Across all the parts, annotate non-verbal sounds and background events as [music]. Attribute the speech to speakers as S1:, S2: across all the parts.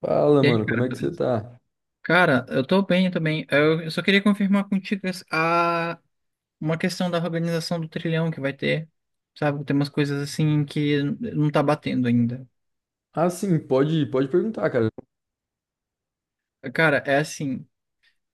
S1: Fala,
S2: E aí,
S1: mano, como
S2: cara,
S1: é que você
S2: beleza?
S1: tá?
S2: Cara, eu tô bem, também. Eu só queria confirmar contigo uma questão da organização do trilhão que vai ter, sabe? Tem umas coisas assim que não tá batendo ainda.
S1: Ah, sim, pode perguntar, cara.
S2: Cara, é assim,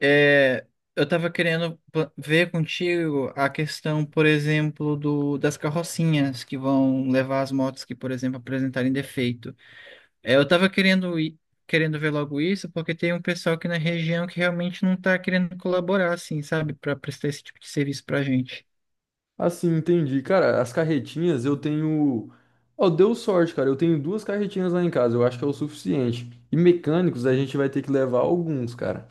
S2: é, eu tava ver contigo a questão, por exemplo, das carrocinhas que vão levar as motos que, por exemplo, apresentarem defeito. Eu tava querendo ir, querendo ver logo isso, porque tem um pessoal aqui na região que realmente não tá querendo colaborar, assim, sabe, para prestar esse tipo de serviço pra gente.
S1: Ah, sim. Entendi. Cara, as carretinhas eu tenho. Ó, deu sorte, cara. Eu tenho duas carretinhas lá em casa, eu acho que é o suficiente. E mecânicos a gente vai ter que levar alguns, cara.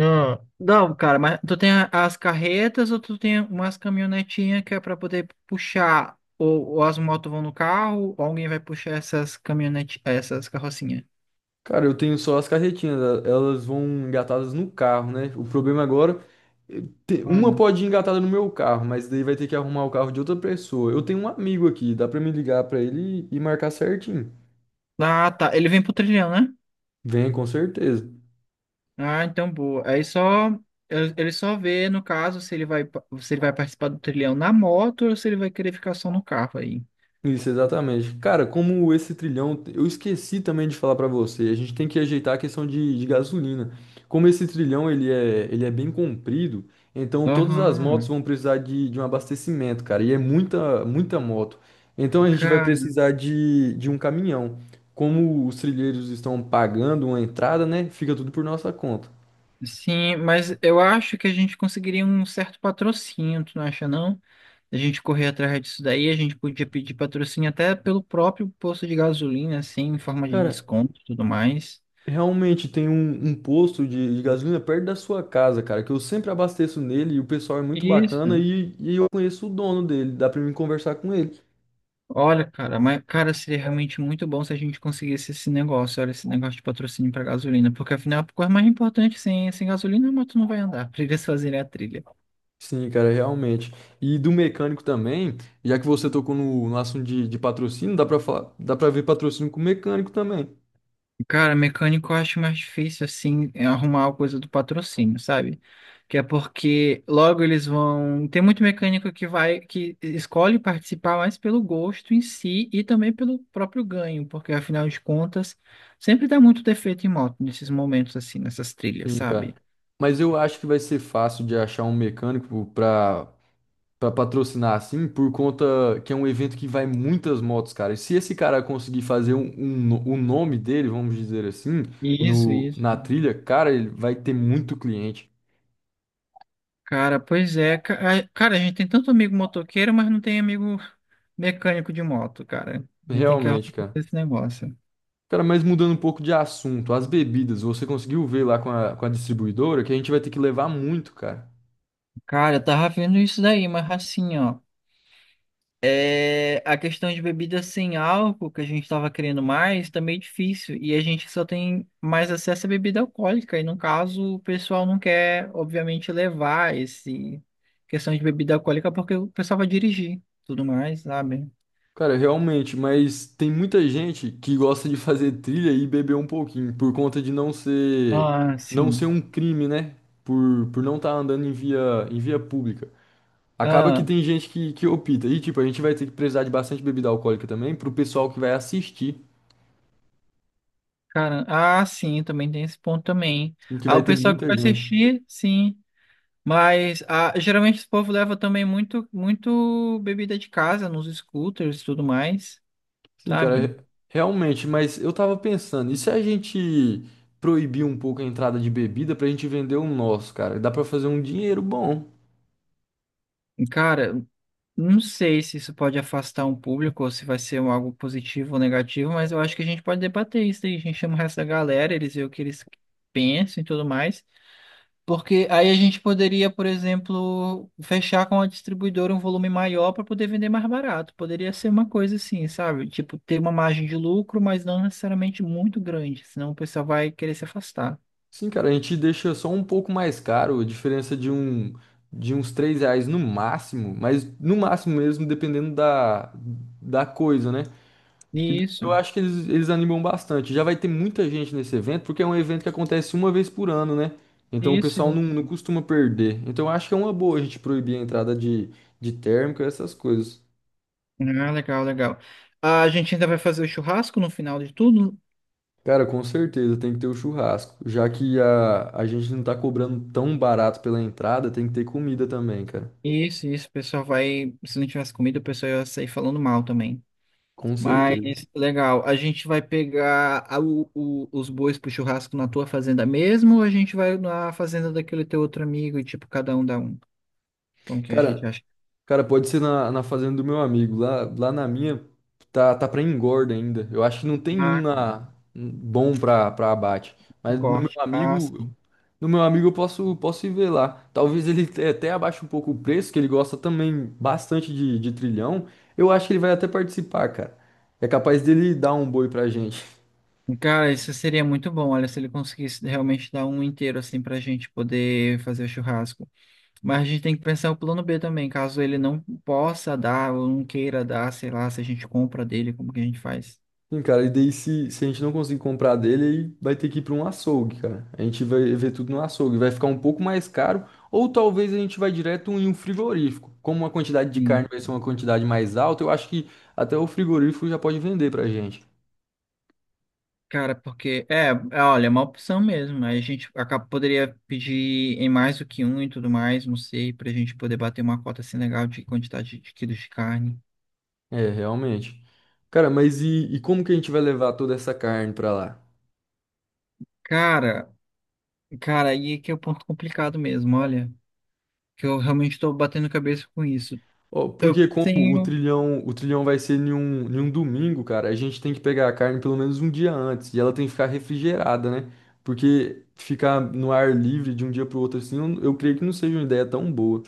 S2: Ah, não, cara, mas tu tem as carretas ou tu tem umas caminhonetinhas que é para poder puxar? Ou as motos vão no carro, ou alguém vai puxar essas caminhonetes, essas carrocinhas?
S1: Cara, eu tenho só as carretinhas, elas vão engatadas no carro, né? O problema agora. eh, Uma
S2: Hum.
S1: pode ir engatada no meu carro, mas daí vai ter que arrumar o carro de outra pessoa. Eu tenho um amigo aqui, dá pra me ligar pra ele e marcar certinho.
S2: Ah, tá. Ele vem pro trilhão, né?
S1: Vem, com certeza.
S2: Ah, então boa. Aí só ele só vê, no caso, se ele se ele vai participar do trilhão na moto ou se ele vai querer ficar só no carro aí.
S1: Isso, exatamente. Cara, como esse trilhão, eu esqueci também de falar pra você, a gente tem que ajeitar a questão de gasolina. Como esse trilhão ele é bem comprido, então todas as motos
S2: Aham.
S1: vão precisar de um abastecimento, cara, e é muita, muita moto. Então a gente vai
S2: Cara,
S1: precisar de um caminhão. Como os trilheiros estão pagando uma entrada, né, fica tudo por nossa conta.
S2: sim, mas eu acho que a gente conseguiria um certo patrocínio, tu não acha não? A gente correr atrás disso daí, a gente podia pedir patrocínio até pelo próprio posto de gasolina, assim, em forma de
S1: Cara,
S2: desconto e tudo mais.
S1: realmente tem um posto de gasolina perto da sua casa, cara, que eu sempre abasteço nele e o pessoal é muito bacana
S2: Isso.
S1: e eu conheço o dono dele, dá pra mim conversar com ele.
S2: Olha, cara, mas, cara, seria realmente muito bom se a gente conseguisse esse negócio, olha, esse negócio de patrocínio para gasolina, porque afinal, a coisa mais importante, sem gasolina, a moto não vai andar, [laughs] pra eles fazerem a trilha.
S1: Sim, cara, realmente. E do mecânico também, já que você tocou no assunto de patrocínio, dá pra falar, dá pra ver patrocínio com mecânico também.
S2: Cara, mecânico eu acho mais difícil, assim, é arrumar a coisa do patrocínio, sabe? Que é porque logo eles vão. Tem muito mecânico que vai, que escolhe participar mais pelo gosto em si e também pelo próprio ganho, porque afinal de contas, sempre dá muito defeito em moto nesses momentos, assim, nessas trilhas,
S1: Sim, cara.
S2: sabe?
S1: Mas eu acho que vai ser fácil de achar um mecânico pra patrocinar assim, por conta que é um evento que vai muitas motos, cara. E se esse cara conseguir fazer um o nome dele, vamos dizer assim,
S2: Isso,
S1: no,
S2: isso.
S1: na trilha, cara, ele vai ter muito cliente.
S2: Cara, pois é. Cara, a gente tem tanto amigo motoqueiro, mas não tem amigo mecânico de moto, cara. A gente tem que organizar
S1: Realmente, cara.
S2: esse negócio.
S1: Cara, mas mudando um pouco de assunto, as bebidas, você conseguiu ver lá com a distribuidora que a gente vai ter que levar muito, cara.
S2: Cara, eu tava vendo isso daí, mas assim, ó. É, a questão de bebida sem álcool que a gente tava querendo mais tá meio difícil. E a gente só tem mais acesso à bebida alcoólica. E no caso, o pessoal não quer, obviamente, levar esse questão de bebida alcoólica porque o pessoal vai dirigir, tudo mais, sabe?
S1: Cara, realmente, mas tem muita gente que gosta de fazer trilha e beber um pouquinho, por conta de não ser,
S2: Ah,
S1: não ser
S2: sim.
S1: um crime, né? Por não estar andando em via pública. Acaba que tem gente que opta. E, tipo, a gente vai ter que precisar de bastante bebida alcoólica também, pro pessoal que vai assistir,
S2: Cara, ah, sim, também tem esse ponto também.
S1: em que
S2: Ah,
S1: vai
S2: o
S1: ter
S2: pessoal que
S1: muita
S2: vai
S1: gente.
S2: assistir, sim. Mas geralmente esse povo leva também muito, muito bebida de casa nos scooters e tudo mais,
S1: Sim, cara,
S2: sabe?
S1: realmente, mas eu tava pensando, e se a gente proibir um pouco a entrada de bebida pra gente vender o nosso, cara? Dá pra fazer um dinheiro bom.
S2: Cara, não sei se isso pode afastar um público ou se vai ser um algo positivo ou negativo, mas eu acho que a gente pode debater isso aí. A gente chama o resto da galera, eles veem o que eles pensam e tudo mais. Porque aí a gente poderia, por exemplo, fechar com a distribuidora um volume maior para poder vender mais barato. Poderia ser uma coisa assim, sabe? Tipo, ter uma margem de lucro, mas não necessariamente muito grande, senão o pessoal vai querer se afastar.
S1: Sim, cara, a gente deixa só um pouco mais caro, a diferença de uns 3 reais no máximo, mas no máximo mesmo, dependendo da coisa, né? Que
S2: Isso,
S1: eu acho que eles animam bastante. Já vai ter muita gente nesse evento, porque é um evento que acontece uma vez por ano, né? Então o
S2: isso,
S1: pessoal não
S2: isso.
S1: costuma perder. Então eu acho que é uma boa a gente proibir a entrada de térmica, essas coisas.
S2: Ah, legal, legal. A gente ainda vai fazer o churrasco no final de tudo?
S1: Cara, com certeza tem que ter o churrasco, já que a gente não tá cobrando tão barato pela entrada, tem que ter comida também, cara.
S2: Isso, isso. O pessoal vai. Se não tivesse comida, o pessoal ia sair falando mal também.
S1: Com
S2: Mas
S1: certeza.
S2: legal, a gente vai pegar os bois pro churrasco na tua fazenda mesmo ou a gente vai na fazenda daquele teu outro amigo e tipo cada um dá um? Como que a gente
S1: Cara,
S2: acha?
S1: cara, pode ser na fazenda do meu amigo. Lá na minha tá para engorda ainda. Eu acho que não tem um
S2: Ah, cara,
S1: na um bom para abate.
S2: o
S1: Mas no meu
S2: corte, ah,
S1: amigo,
S2: sim.
S1: no meu amigo eu posso ir ver lá. Talvez ele até abaixe um pouco o preço, que ele gosta também bastante de trilhão. Eu acho que ele vai até participar, cara. É capaz dele dar um boi pra gente.
S2: Cara, isso seria muito bom, olha, se ele conseguisse realmente dar um inteiro assim pra gente poder fazer o churrasco. Mas a gente tem que pensar o plano B também, caso ele não possa dar ou não queira dar, sei lá, se a gente compra dele, como que a gente faz?
S1: Sim, cara, e daí se a gente não conseguir comprar dele, aí vai ter que ir para um açougue, cara. A gente vai ver tudo no açougue, vai ficar um pouco mais caro, ou talvez a gente vai direto em um frigorífico. Como a quantidade de
S2: Hum.
S1: carne vai ser uma quantidade mais alta, eu acho que até o frigorífico já pode vender pra gente.
S2: Cara, porque olha, é uma opção mesmo. Aí a gente acaba, poderia pedir em mais do que um e tudo mais, não sei, pra gente poder bater uma cota assim legal de quantidade de quilos de carne.
S1: É, realmente. Cara, mas e como que a gente vai levar toda essa carne pra lá?
S2: Cara, cara, aí é que é o ponto complicado mesmo, olha, que eu realmente tô batendo cabeça com isso.
S1: Ó,
S2: Eu
S1: porque como
S2: pensei em
S1: o
S2: um.
S1: trilhão, o trilhão vai ser em um domingo, cara, a gente tem que pegar a carne pelo menos um dia antes e ela tem que ficar refrigerada, né? Porque ficar no ar livre de um dia pro outro assim, eu creio que não seja uma ideia tão boa.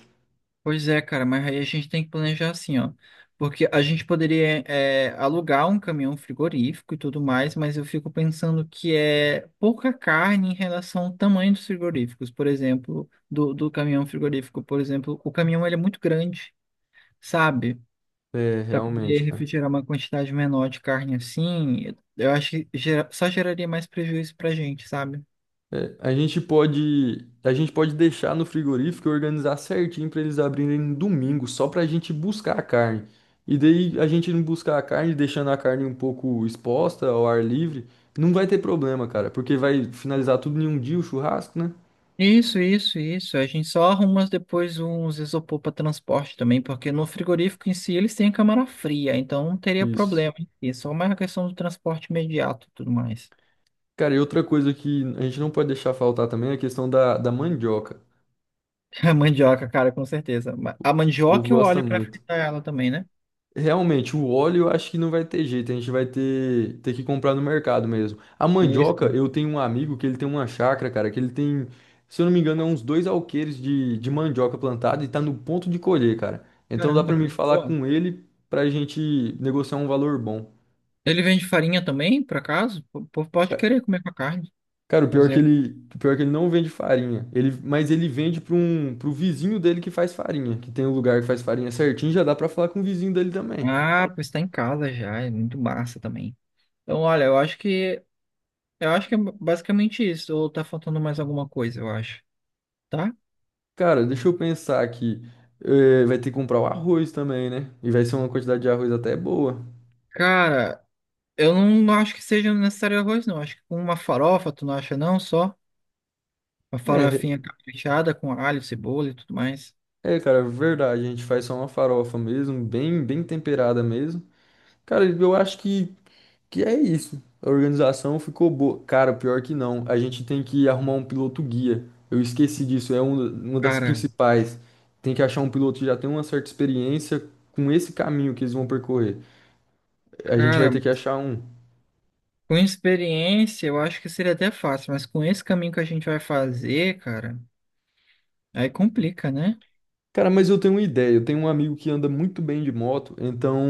S2: Pois é, cara, mas aí a gente tem que planejar assim, ó. Porque a gente poderia alugar um caminhão frigorífico e tudo mais, mas eu fico pensando que é pouca carne em relação ao tamanho dos frigoríficos, por exemplo, do caminhão frigorífico, por exemplo, o caminhão ele é muito grande, sabe?
S1: É,
S2: Para
S1: realmente,
S2: poder
S1: cara.
S2: refrigerar uma quantidade menor de carne assim, eu acho que só geraria mais prejuízo pra gente, sabe?
S1: É, a gente pode deixar no frigorífico e organizar certinho para eles abrirem no domingo, só para a gente buscar a carne. E daí a gente não buscar a carne, deixando a carne um pouco exposta ao ar livre, não vai ter problema, cara, porque vai finalizar tudo em um dia o churrasco, né?
S2: Isso, isso, isso. A gente só arruma depois uns isopor para transporte também, porque no frigorífico em si eles têm câmara fria, então não teria
S1: Isso.
S2: problema em si. É só mais a questão do transporte imediato e tudo mais.
S1: Cara, e outra coisa que a gente não pode deixar faltar também é a questão da mandioca.
S2: [laughs] A mandioca, cara, com certeza. A
S1: O povo
S2: mandioca e o
S1: gosta
S2: óleo para
S1: muito.
S2: fritar ela também, né?
S1: Realmente, o óleo eu acho que não vai ter jeito, a gente vai ter que comprar no mercado mesmo. A
S2: Isso.
S1: mandioca, eu tenho um amigo que ele tem uma chácara, cara, que ele tem, se eu não me engano, é uns 2 alqueires de mandioca plantada e tá no ponto de colher, cara. Então dá pra
S2: Caramba,
S1: mim
S2: coisa
S1: falar
S2: boa.
S1: com ele pra gente negociar um valor bom.
S2: Ele vende farinha também, por acaso? O povo pode
S1: Ca-
S2: querer comer com a carne.
S1: Cara, o pior é que
S2: Fazer. Um
S1: ele, o pior é que ele não vende farinha, mas ele vende pro vizinho dele que faz farinha, que tem um lugar que faz farinha certinho, já dá pra falar com o vizinho dele também.
S2: ah, pois está em casa já, é muito massa também. Então, olha, eu acho que é basicamente isso. Ou tá faltando mais alguma coisa, eu acho. Tá?
S1: Cara, deixa eu pensar aqui. É, vai ter que comprar o arroz também, né? E vai ser uma quantidade de arroz até boa.
S2: Cara, eu não acho que seja necessário arroz, não. Acho que com uma farofa, tu não acha não? Só uma
S1: É,
S2: farofinha caprichada com alho, cebola e tudo mais.
S1: é, cara, é verdade. A gente faz só uma farofa mesmo, bem, bem temperada mesmo. Cara, eu acho que é isso. A organização ficou boa. Cara, pior que não. A gente tem que arrumar um piloto guia. Eu esqueci disso, é uma das
S2: Cara,
S1: principais. Tem que achar um piloto que já tem uma certa experiência com esse caminho que eles vão percorrer. A gente vai
S2: cara,
S1: ter que achar um.
S2: com experiência eu acho que seria até fácil, mas com esse caminho que a gente vai fazer, cara, aí complica, né?
S1: Cara, mas eu tenho uma ideia. Eu tenho um amigo que anda muito bem de moto, então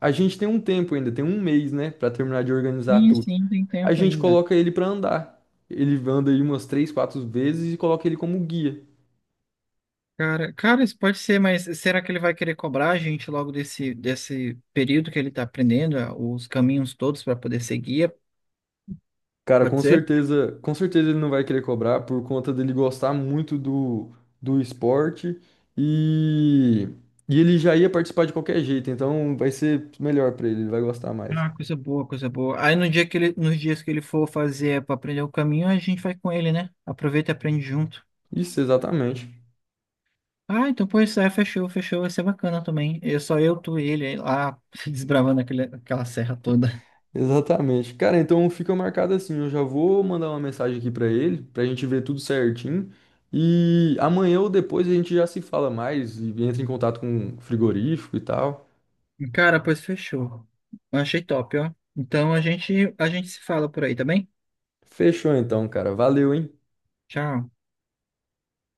S1: a gente tem um tempo ainda, tem um mês, né, pra terminar de organizar
S2: Sim,
S1: tudo.
S2: sim, tem
S1: A
S2: tempo
S1: gente
S2: ainda.
S1: coloca ele pra andar. Ele anda aí umas 3, 4 vezes e coloca ele como guia.
S2: Cara, isso pode ser, mas será que ele vai querer cobrar a gente logo desse período que ele tá aprendendo, os caminhos todos para poder seguir?
S1: Cara,
S2: Pode ser?
S1: com certeza ele não vai querer cobrar por conta dele gostar muito do esporte e, e ele já ia participar de qualquer jeito, então vai ser melhor pra ele, ele vai gostar mais.
S2: Ah, coisa boa, coisa boa. Aí no nos dias que ele for fazer para aprender o caminho, a gente vai com ele, né? Aproveita e aprende junto.
S1: Isso, exatamente.
S2: Ah, então pois é, fechou, fechou. Vai ser bacana também. É só eu, tu e ele aí lá [laughs] desbravando aquela serra toda.
S1: Exatamente. Cara, então fica marcado assim. Eu já vou mandar uma mensagem aqui pra ele, pra gente ver tudo certinho. E amanhã ou depois a gente já se fala mais e entra em contato com o frigorífico e tal.
S2: Cara, pois fechou. Achei top, ó. Então a gente se fala por aí, tá bem?
S1: Fechou então, cara. Valeu, hein?
S2: Tchau.